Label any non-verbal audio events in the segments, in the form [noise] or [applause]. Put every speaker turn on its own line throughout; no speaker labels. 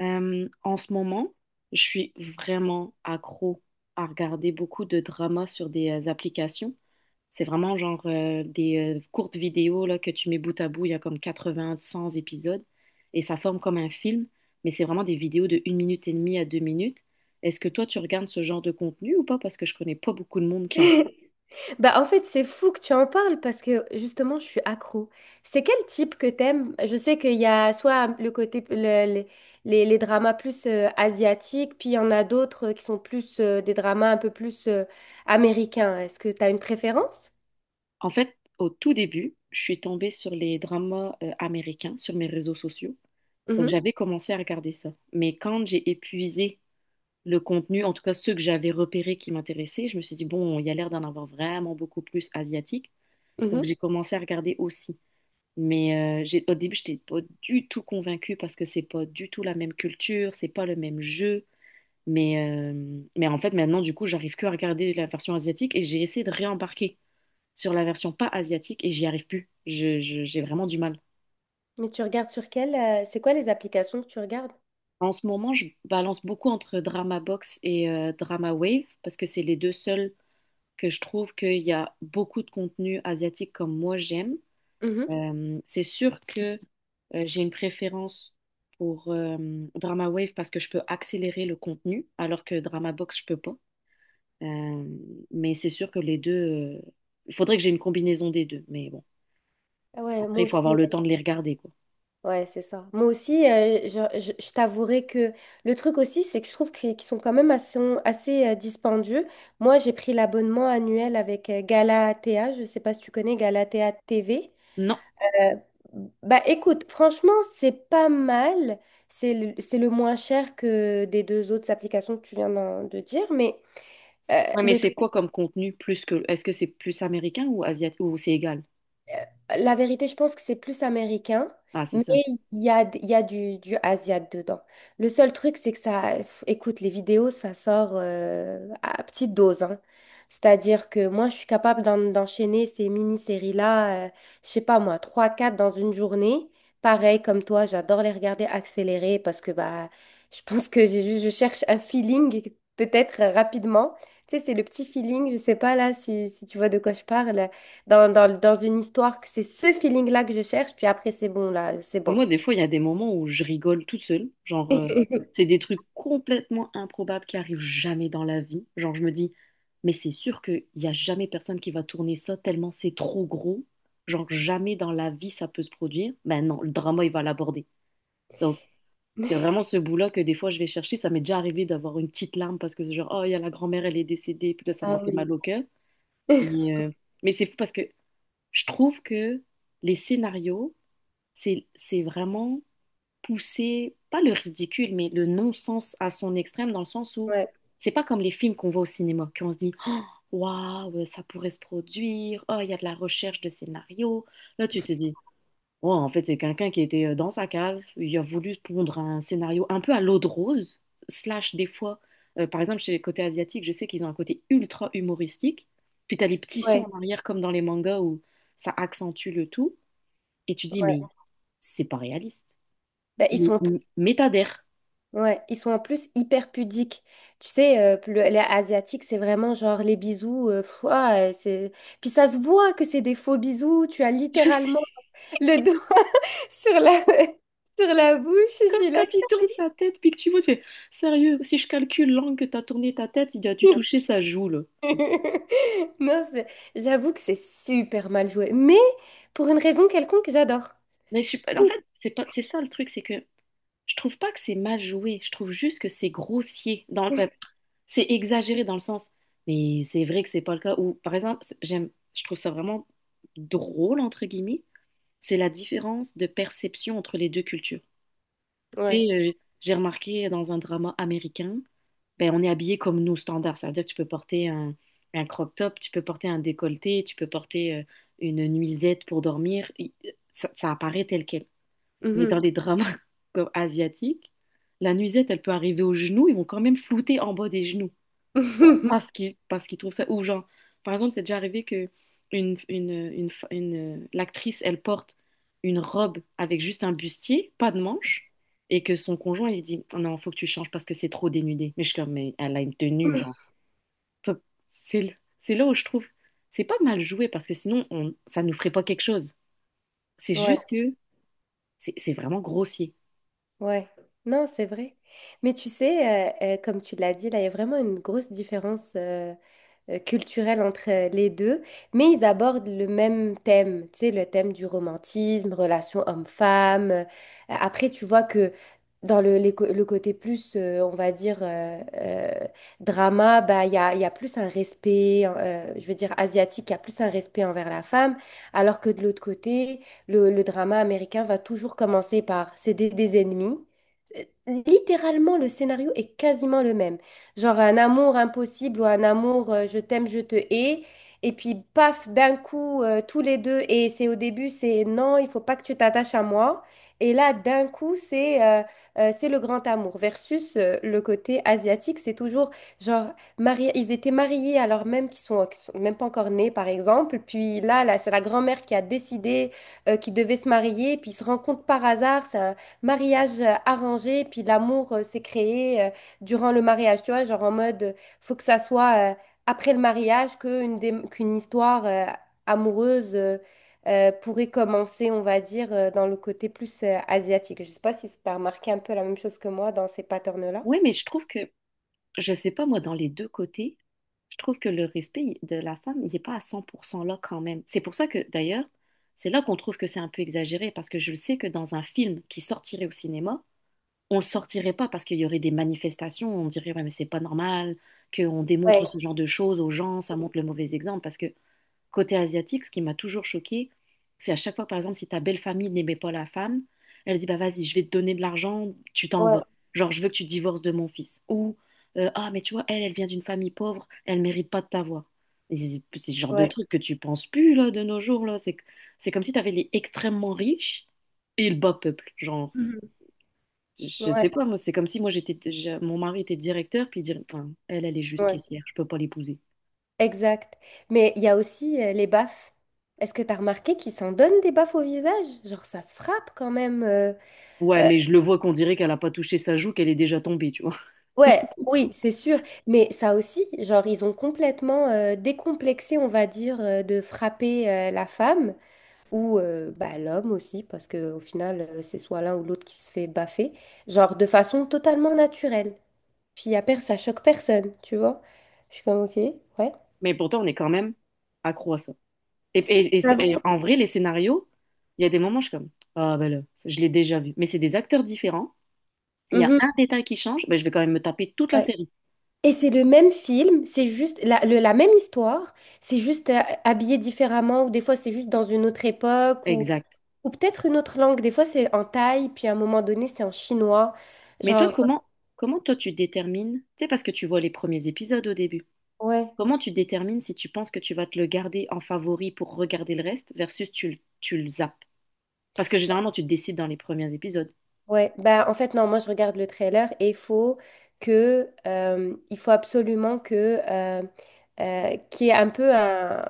En ce moment, je suis vraiment accro à regarder beaucoup de dramas sur des applications. C'est vraiment genre des courtes vidéos là, que tu mets bout à bout, il y a comme 80, 100 épisodes, et ça forme comme un film, mais c'est vraiment des vidéos de 1 minute et demie à 2 minutes. Est-ce que toi, tu regardes ce genre de contenu ou pas? Parce que je connais pas beaucoup de monde qui en regarde.
[laughs] C'est fou que tu en parles parce que justement, je suis accro. C'est quel type que t'aimes? Je sais qu'il y a soit le côté le- les dramas plus asiatiques, puis il y en a d'autres qui sont plus des dramas un peu plus américains. Est-ce que t'as une préférence?
En fait, au tout début, je suis tombée sur les dramas américains sur mes réseaux sociaux. Donc
Mhm,
j'avais commencé à regarder ça. Mais quand j'ai épuisé le contenu, en tout cas ceux que j'avais repérés qui m'intéressaient. Je me suis dit, bon, il y a l'air d'en avoir vraiment beaucoup plus asiatique. Donc
mhm.
j'ai commencé à regarder aussi. Mais j'ai, au début, je n'étais pas du tout convaincue parce que c'est pas du tout la même culture, c'est pas le même jeu. Mais, mais en fait, maintenant, du coup, j'arrive que à regarder la version asiatique et j'ai essayé de réembarquer sur la version pas asiatique et j'y arrive plus. J'ai vraiment du mal.
Mais tu regardes sur quelle c'est quoi les applications que tu regardes?
En ce moment, je balance beaucoup entre Drama Box et Drama Wave parce que c'est les deux seuls que je trouve qu'il y a beaucoup de contenu asiatique comme moi j'aime.
Mhm.
C'est sûr que j'ai une préférence pour Drama Wave parce que je peux accélérer le contenu, alors que Drama Box, je peux pas. Euh, mais c'est sûr que les deux, il faudrait que j'ai une combinaison des deux. Mais bon,
Ah ouais,
après,
moi
il faut avoir
aussi.
le temps de les regarder, quoi.
Ouais, c'est ça. Moi aussi, je t'avouerai que le truc aussi, c'est que je trouve qu'ils sont quand même assez dispendieux. Moi, j'ai pris l'abonnement annuel avec Galatea. Je sais pas si tu connais Galatea TV.
Non.
Euh, bah écoute, franchement, c'est pas mal. C'est le moins cher que des deux autres applications que tu viens de dire. Euh,
Ouais, mais
le
c'est
truc,
quoi comme contenu plus que... Est-ce que c'est plus américain ou asiatique ou c'est égal?
La vérité, je pense que c'est plus américain,
Ah, c'est
mais
ça.
il y a du Asiat dedans. Le seul truc, c'est que ça, pff, écoute, les vidéos, ça sort à petite dose, hein. C'est-à-dire que moi, je suis capable d'enchaîner ces mini-séries-là, je sais pas moi, trois quatre dans une journée. Pareil, comme toi, j'adore les regarder accélérées parce que bah, je pense que j'ai juste, je cherche un feeling, peut-être rapidement. Tu sais, c'est le petit feeling, je sais pas là si, si tu vois de quoi je parle dans une histoire que c'est ce feeling-là que je cherche, puis après, c'est bon, là, c'est
Enfin,
bon.
moi, des fois, il y a des moments où je rigole toute seule. Genre, c'est
[laughs]
des trucs complètement improbables qui arrivent jamais dans la vie. Genre, je me dis, mais c'est sûr qu'il n'y a jamais personne qui va tourner ça tellement c'est trop gros. Genre, jamais dans la vie ça peut se produire. Ben non, le drama, il va l'aborder. Donc, c'est vraiment ce bout-là que des fois, je vais chercher. Ça m'est déjà arrivé d'avoir une petite larme parce que c'est genre, oh, il y a la grand-mère, elle est décédée. Puis là, ça m'a
Ah
fait
oui.
mal au cœur.
[laughs]
Mais, euh, mais c'est fou parce que je trouve que les scénarios, c'est vraiment pousser, pas le ridicule, mais le non-sens à son extrême, dans le sens où
Ouais,
c'est pas comme les films qu'on voit au cinéma, qu'on se dit waouh, ça pourrait se produire, oh, il y a de la recherche de scénario. Là, tu te dis, oh, en fait, c'est quelqu'un qui était dans sa cave, il a voulu pondre un scénario un peu à l'eau de rose, slash des fois, par exemple, chez les côtés asiatiques, je sais qu'ils ont un côté ultra humoristique, puis t'as les petits sons
ouais,
en arrière, comme dans les mangas où ça accentue le tout, et tu dis, mais
ouais.
c'est pas réaliste.
Ben, ils
Mais,
sont, en plus-
mais t'adhères.
ouais, ils sont en plus hyper pudiques. Tu sais, les Asiatiques, c'est vraiment genre les bisous. Pff, ouah, c'est... Puis ça se voit que c'est des faux bisous. Tu as
Je sais,
littéralement le doigt [laughs] sur la, [laughs] sur la bouche. Je suis là.
quand il tourne sa tête, puis que tu vois, tu fais, sérieux, si je calcule l'angle que tu as tourné ta tête, il a dû toucher sa joue, là.
[laughs] Non, c'est- j'avoue que c'est super mal joué. Mais pour une raison quelconque, j'adore.
Mais je suis pas- En fait, c'est pas, c'est ça le truc, c'est que je trouve pas que c'est mal joué, je trouve juste que c'est grossier. C'est exagéré dans le sens, mais c'est vrai que c'est pas le cas. Ou par exemple, j'aime, je trouve ça vraiment drôle, entre guillemets, c'est la différence de perception entre les deux cultures. Tu
Ouais.
sais, j'ai remarqué dans un drama américain, ben, on est habillé comme nous, standard. Ça veut dire que tu peux porter un crop top, tu peux porter un décolleté, tu peux porter une nuisette pour dormir. Ça, ça apparaît tel quel. Mais dans
Mhm.
les dramas [laughs] comme asiatiques, la nuisette, elle peut arriver aux genoux, ils vont quand même flouter en bas des genoux pour- parce
[laughs]
qu'ils parce qu'ils trouvent ça ou genre, par exemple, c'est déjà arrivé que une l'actrice elle porte une robe avec juste un bustier pas de manches et que son conjoint il dit, oh non, faut que tu changes parce que c'est trop dénudé, mais je suis comme, mais elle a une tenue genre. Faut- c'est là où je trouve c'est pas mal joué parce que sinon on ça nous ferait pas quelque chose, c'est
Ouais,
juste que c'est vraiment grossier.
ouais. Non, c'est vrai. Mais tu sais, comme tu l'as dit, là, il y a vraiment une grosse différence. Culturel entre les deux, mais ils abordent le même thème, tu sais, le thème du romantisme, relation homme-femme. Après, tu vois que dans le, les co- le côté plus, on va dire, drama, bah, il y a plus un respect, je veux dire, asiatique, il y a plus un respect envers la femme, alors que de l'autre côté, le drama américain va toujours commencer par c'est des ennemis. Euh, Littéralement, le scénario est quasiment le même genre un amour impossible ou un amour je t'aime, je te hais. Et puis, paf, d'un coup, tous les deux, et c'est au début, c'est non, il faut pas que tu t'attaches à moi. Et là, d'un coup, c'est le grand amour versus le côté asiatique. C'est toujours genre, mariés, ils étaient mariés alors même qu'ils sont même pas encore nés, par exemple. Puis là, c'est la grand-mère qui a décidé qu'ils devaient se marier. Puis ils se rencontrent par hasard. C'est un mariage arrangé. Puis l'amour s'est créé. Durant le mariage, tu vois, genre en mode, faut que ça soit après le mariage qu'une histoire amoureuse pourrait commencer, on va dire, dans le côté plus asiatique. Je sais pas si tu as remarqué un peu la même chose que moi dans ces patterns-là.
Ouais, mais je trouve que, je sais pas moi, dans les deux côtés, je trouve que le respect de la femme, il n'est pas à 100% là quand même. C'est pour ça que, d'ailleurs, c'est là qu'on trouve que c'est un peu exagéré, parce que je le sais que dans un film qui sortirait au cinéma, on le sortirait pas parce qu'il y aurait des manifestations, on dirait, ouais, mais c'est pas normal qu'on démontre
Ouais,
ce genre de choses aux gens, ça montre le mauvais exemple. Parce que côté asiatique, ce qui m'a toujours choquée, c'est à chaque fois, par exemple, si ta belle famille n'aimait pas la femme, elle dit, bah vas-y, je vais te donner de l'argent, tu t'en
ouais,
vas. Genre, je veux que tu divorces de mon fils. Ou, ah, mais tu vois, elle, elle vient d'une famille pauvre, elle mérite pas de t'avoir. Et c'est ce genre de
ouais.
truc que tu penses plus, là, de nos jours, là. C'est comme si tu avais les extrêmement riches et le bas peuple. Genre,
Mhm.
je sais
Ouais,
pas, moi, c'est comme si moi, mon mari était directeur, puis dire, enfin, elle, elle est juste
ouais.
caissière, je peux pas l'épouser.
Exact. Mais il y a aussi les baffes. Est-ce que tu as remarqué qu'ils s'en donnent des baffes au visage? Genre, ça se frappe quand même. Euh,
Ouais, mais je le vois qu'on dirait qu'elle a pas touché sa joue, qu'elle est déjà tombée, tu vois.
ouais, oui, c'est sûr. Mais ça aussi, genre, ils ont complètement décomplexé, on va dire, de frapper la femme ou bah, l'homme aussi, parce que au final, c'est soit l'un ou l'autre qui se fait baffer, genre de façon totalement naturelle. Puis à après, ça choque personne, tu vois. Je suis comme, ok, ouais.
Mais pourtant, on est quand même accro à ça.
Ah
C'est- et
bon.
En vrai, les scénarios, il y a des moments, je suis comme, ah ben là, je l'ai déjà vu. Mais c'est des acteurs différents. Il y a
Mhm,
un détail qui change, ben, je vais quand même me taper toute la
ouais.
série.
Et c'est le même film, c'est juste la même histoire, c'est juste habillé différemment, ou des fois c'est juste dans une autre époque, ou
Exact.
peut-être une autre langue. Des fois, c'est en thaï, puis à un moment donné, c'est en chinois.
Mais toi,
Genre,
comment, Comment toi, tu détermines, tu sais, parce que tu vois les premiers épisodes au début,
ouais,
comment tu détermines si tu penses que tu vas te le garder en favori pour regarder le reste versus tu le zappes? Parce que généralement, tu te décides dans les premiers épisodes.
ouais. Ben, en fait, non, moi, je regarde le trailer et il faut il faut absolument qu'il y ait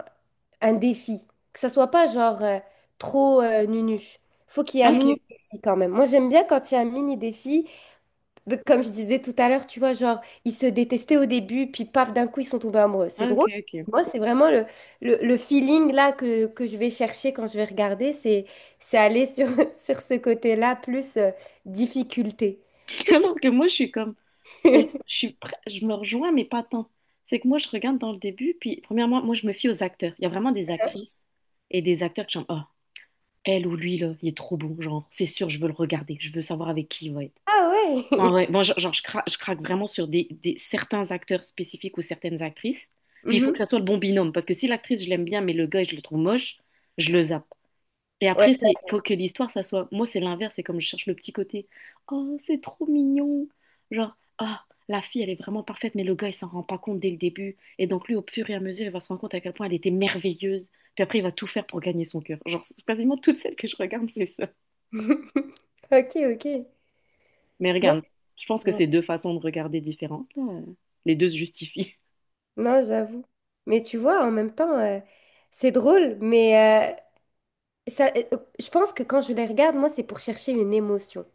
un défi. Que ça soit pas genre trop nunuche. Faut qu'il y ait un mini
Ok.
défi quand même. Moi, j'aime bien quand il y a un mini défi de- comme je disais tout à l'heure, tu vois, genre, ils se détestaient au début, puis paf, d'un coup, ils sont tombés amoureux. C'est
Ah, ok,
drôle.
ok.
Moi, c'est vraiment le feeling là que je vais chercher quand je vais regarder, c'est aller sur, [laughs] sur ce côté-là, plus difficulté.
[laughs]
Tu sais, que-
Alors que moi, je suis comme... Mais je me rejoins, mais pas tant. C'est que moi, je regarde dans le début, puis premièrement, moi, je me fie aux acteurs. Il y a vraiment des actrices et des acteurs que j'aime. Oh, elle ou lui, là, il est trop bon, genre. C'est sûr, je veux le regarder. Je veux savoir avec qui il va être.
ah ouais!
En
[laughs]
vrai, moi, genre, je craque vraiment sur certains acteurs spécifiques ou certaines actrices. Puis il faut
Mhm.
que ça soit le bon binôme, parce que si l'actrice, je l'aime bien, mais le gars, je le trouve moche, je le zappe. Et
Ouais,
après, c'est
ça-
faut que l'histoire, ça soit. Moi, c'est l'inverse, c'est comme je cherche le petit côté. Oh, c'est trop mignon. Genre, ah, la fille, elle est vraiment parfaite, mais le gars, il s'en rend pas compte dès le début. Et donc, lui, au fur et à mesure, il va se rendre compte à quel point elle était merveilleuse. Puis après, il va tout faire pour gagner son cœur. Genre, c'est quasiment toutes celles que je regarde, c'est ça.
[laughs] Ok, ok.
Mais
Non,
regarde, je pense que c'est deux façons de regarder différentes, là. Les deux se justifient. [laughs]
non, j'avoue. Mais tu vois, en même temps, c'est drôle, mais euh, ça, euh, je pense que quand je les regarde, moi, c'est pour chercher une émotion.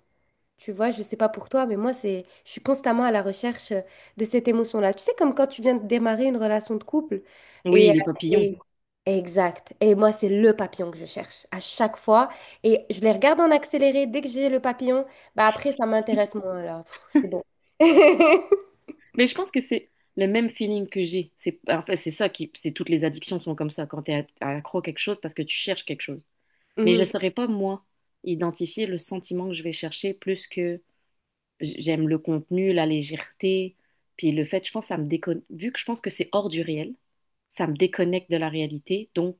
Tu vois, je sais pas pour toi, mais moi, je suis constamment à la recherche de cette émotion-là. Tu sais, comme quand tu viens de démarrer une relation de couple.
Oui,
Et, euh,
les papillons.
et- exact. Et moi, c'est le papillon que je cherche à chaque fois. Et je les regarde en accéléré. Dès que j'ai le papillon, bah après, ça m'intéresse moins, là. Pff, c'est bon. [laughs]
Mais je pense que c'est le même feeling que j'ai. C'est, en fait, c'est ça qui, c'est toutes les addictions sont comme ça quand tu es accro à quelque chose parce que tu cherches quelque chose. Mais je ne
Mhm.
saurais pas, moi, identifier le sentiment que je vais chercher plus que j'aime le contenu, la légèreté, puis le fait, je pense. Vu que je pense que c'est hors du réel, ça me déconnecte de la réalité, donc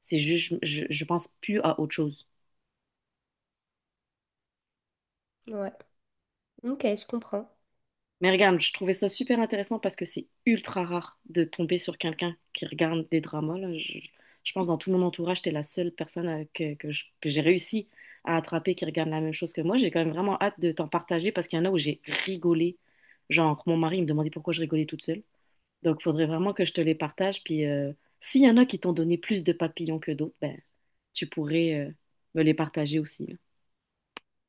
c'est juste, je pense plus à autre chose.
Ouais. Ok, je comprends.
Mais regarde, je trouvais ça super intéressant parce que c'est ultra rare de tomber sur quelqu'un qui regarde des dramas, là. Je pense dans tout mon entourage, t'es la seule personne que j'ai réussi à attraper qui regarde la même chose que moi. J'ai quand même vraiment hâte de t'en partager parce qu'il y en a où j'ai rigolé. Genre, mon mari il me demandait pourquoi je rigolais toute seule. Donc, faudrait vraiment que je te les partage. Puis, s'il y en a qui t'ont donné plus de papillons que d'autres, ben, tu pourrais, me les partager aussi.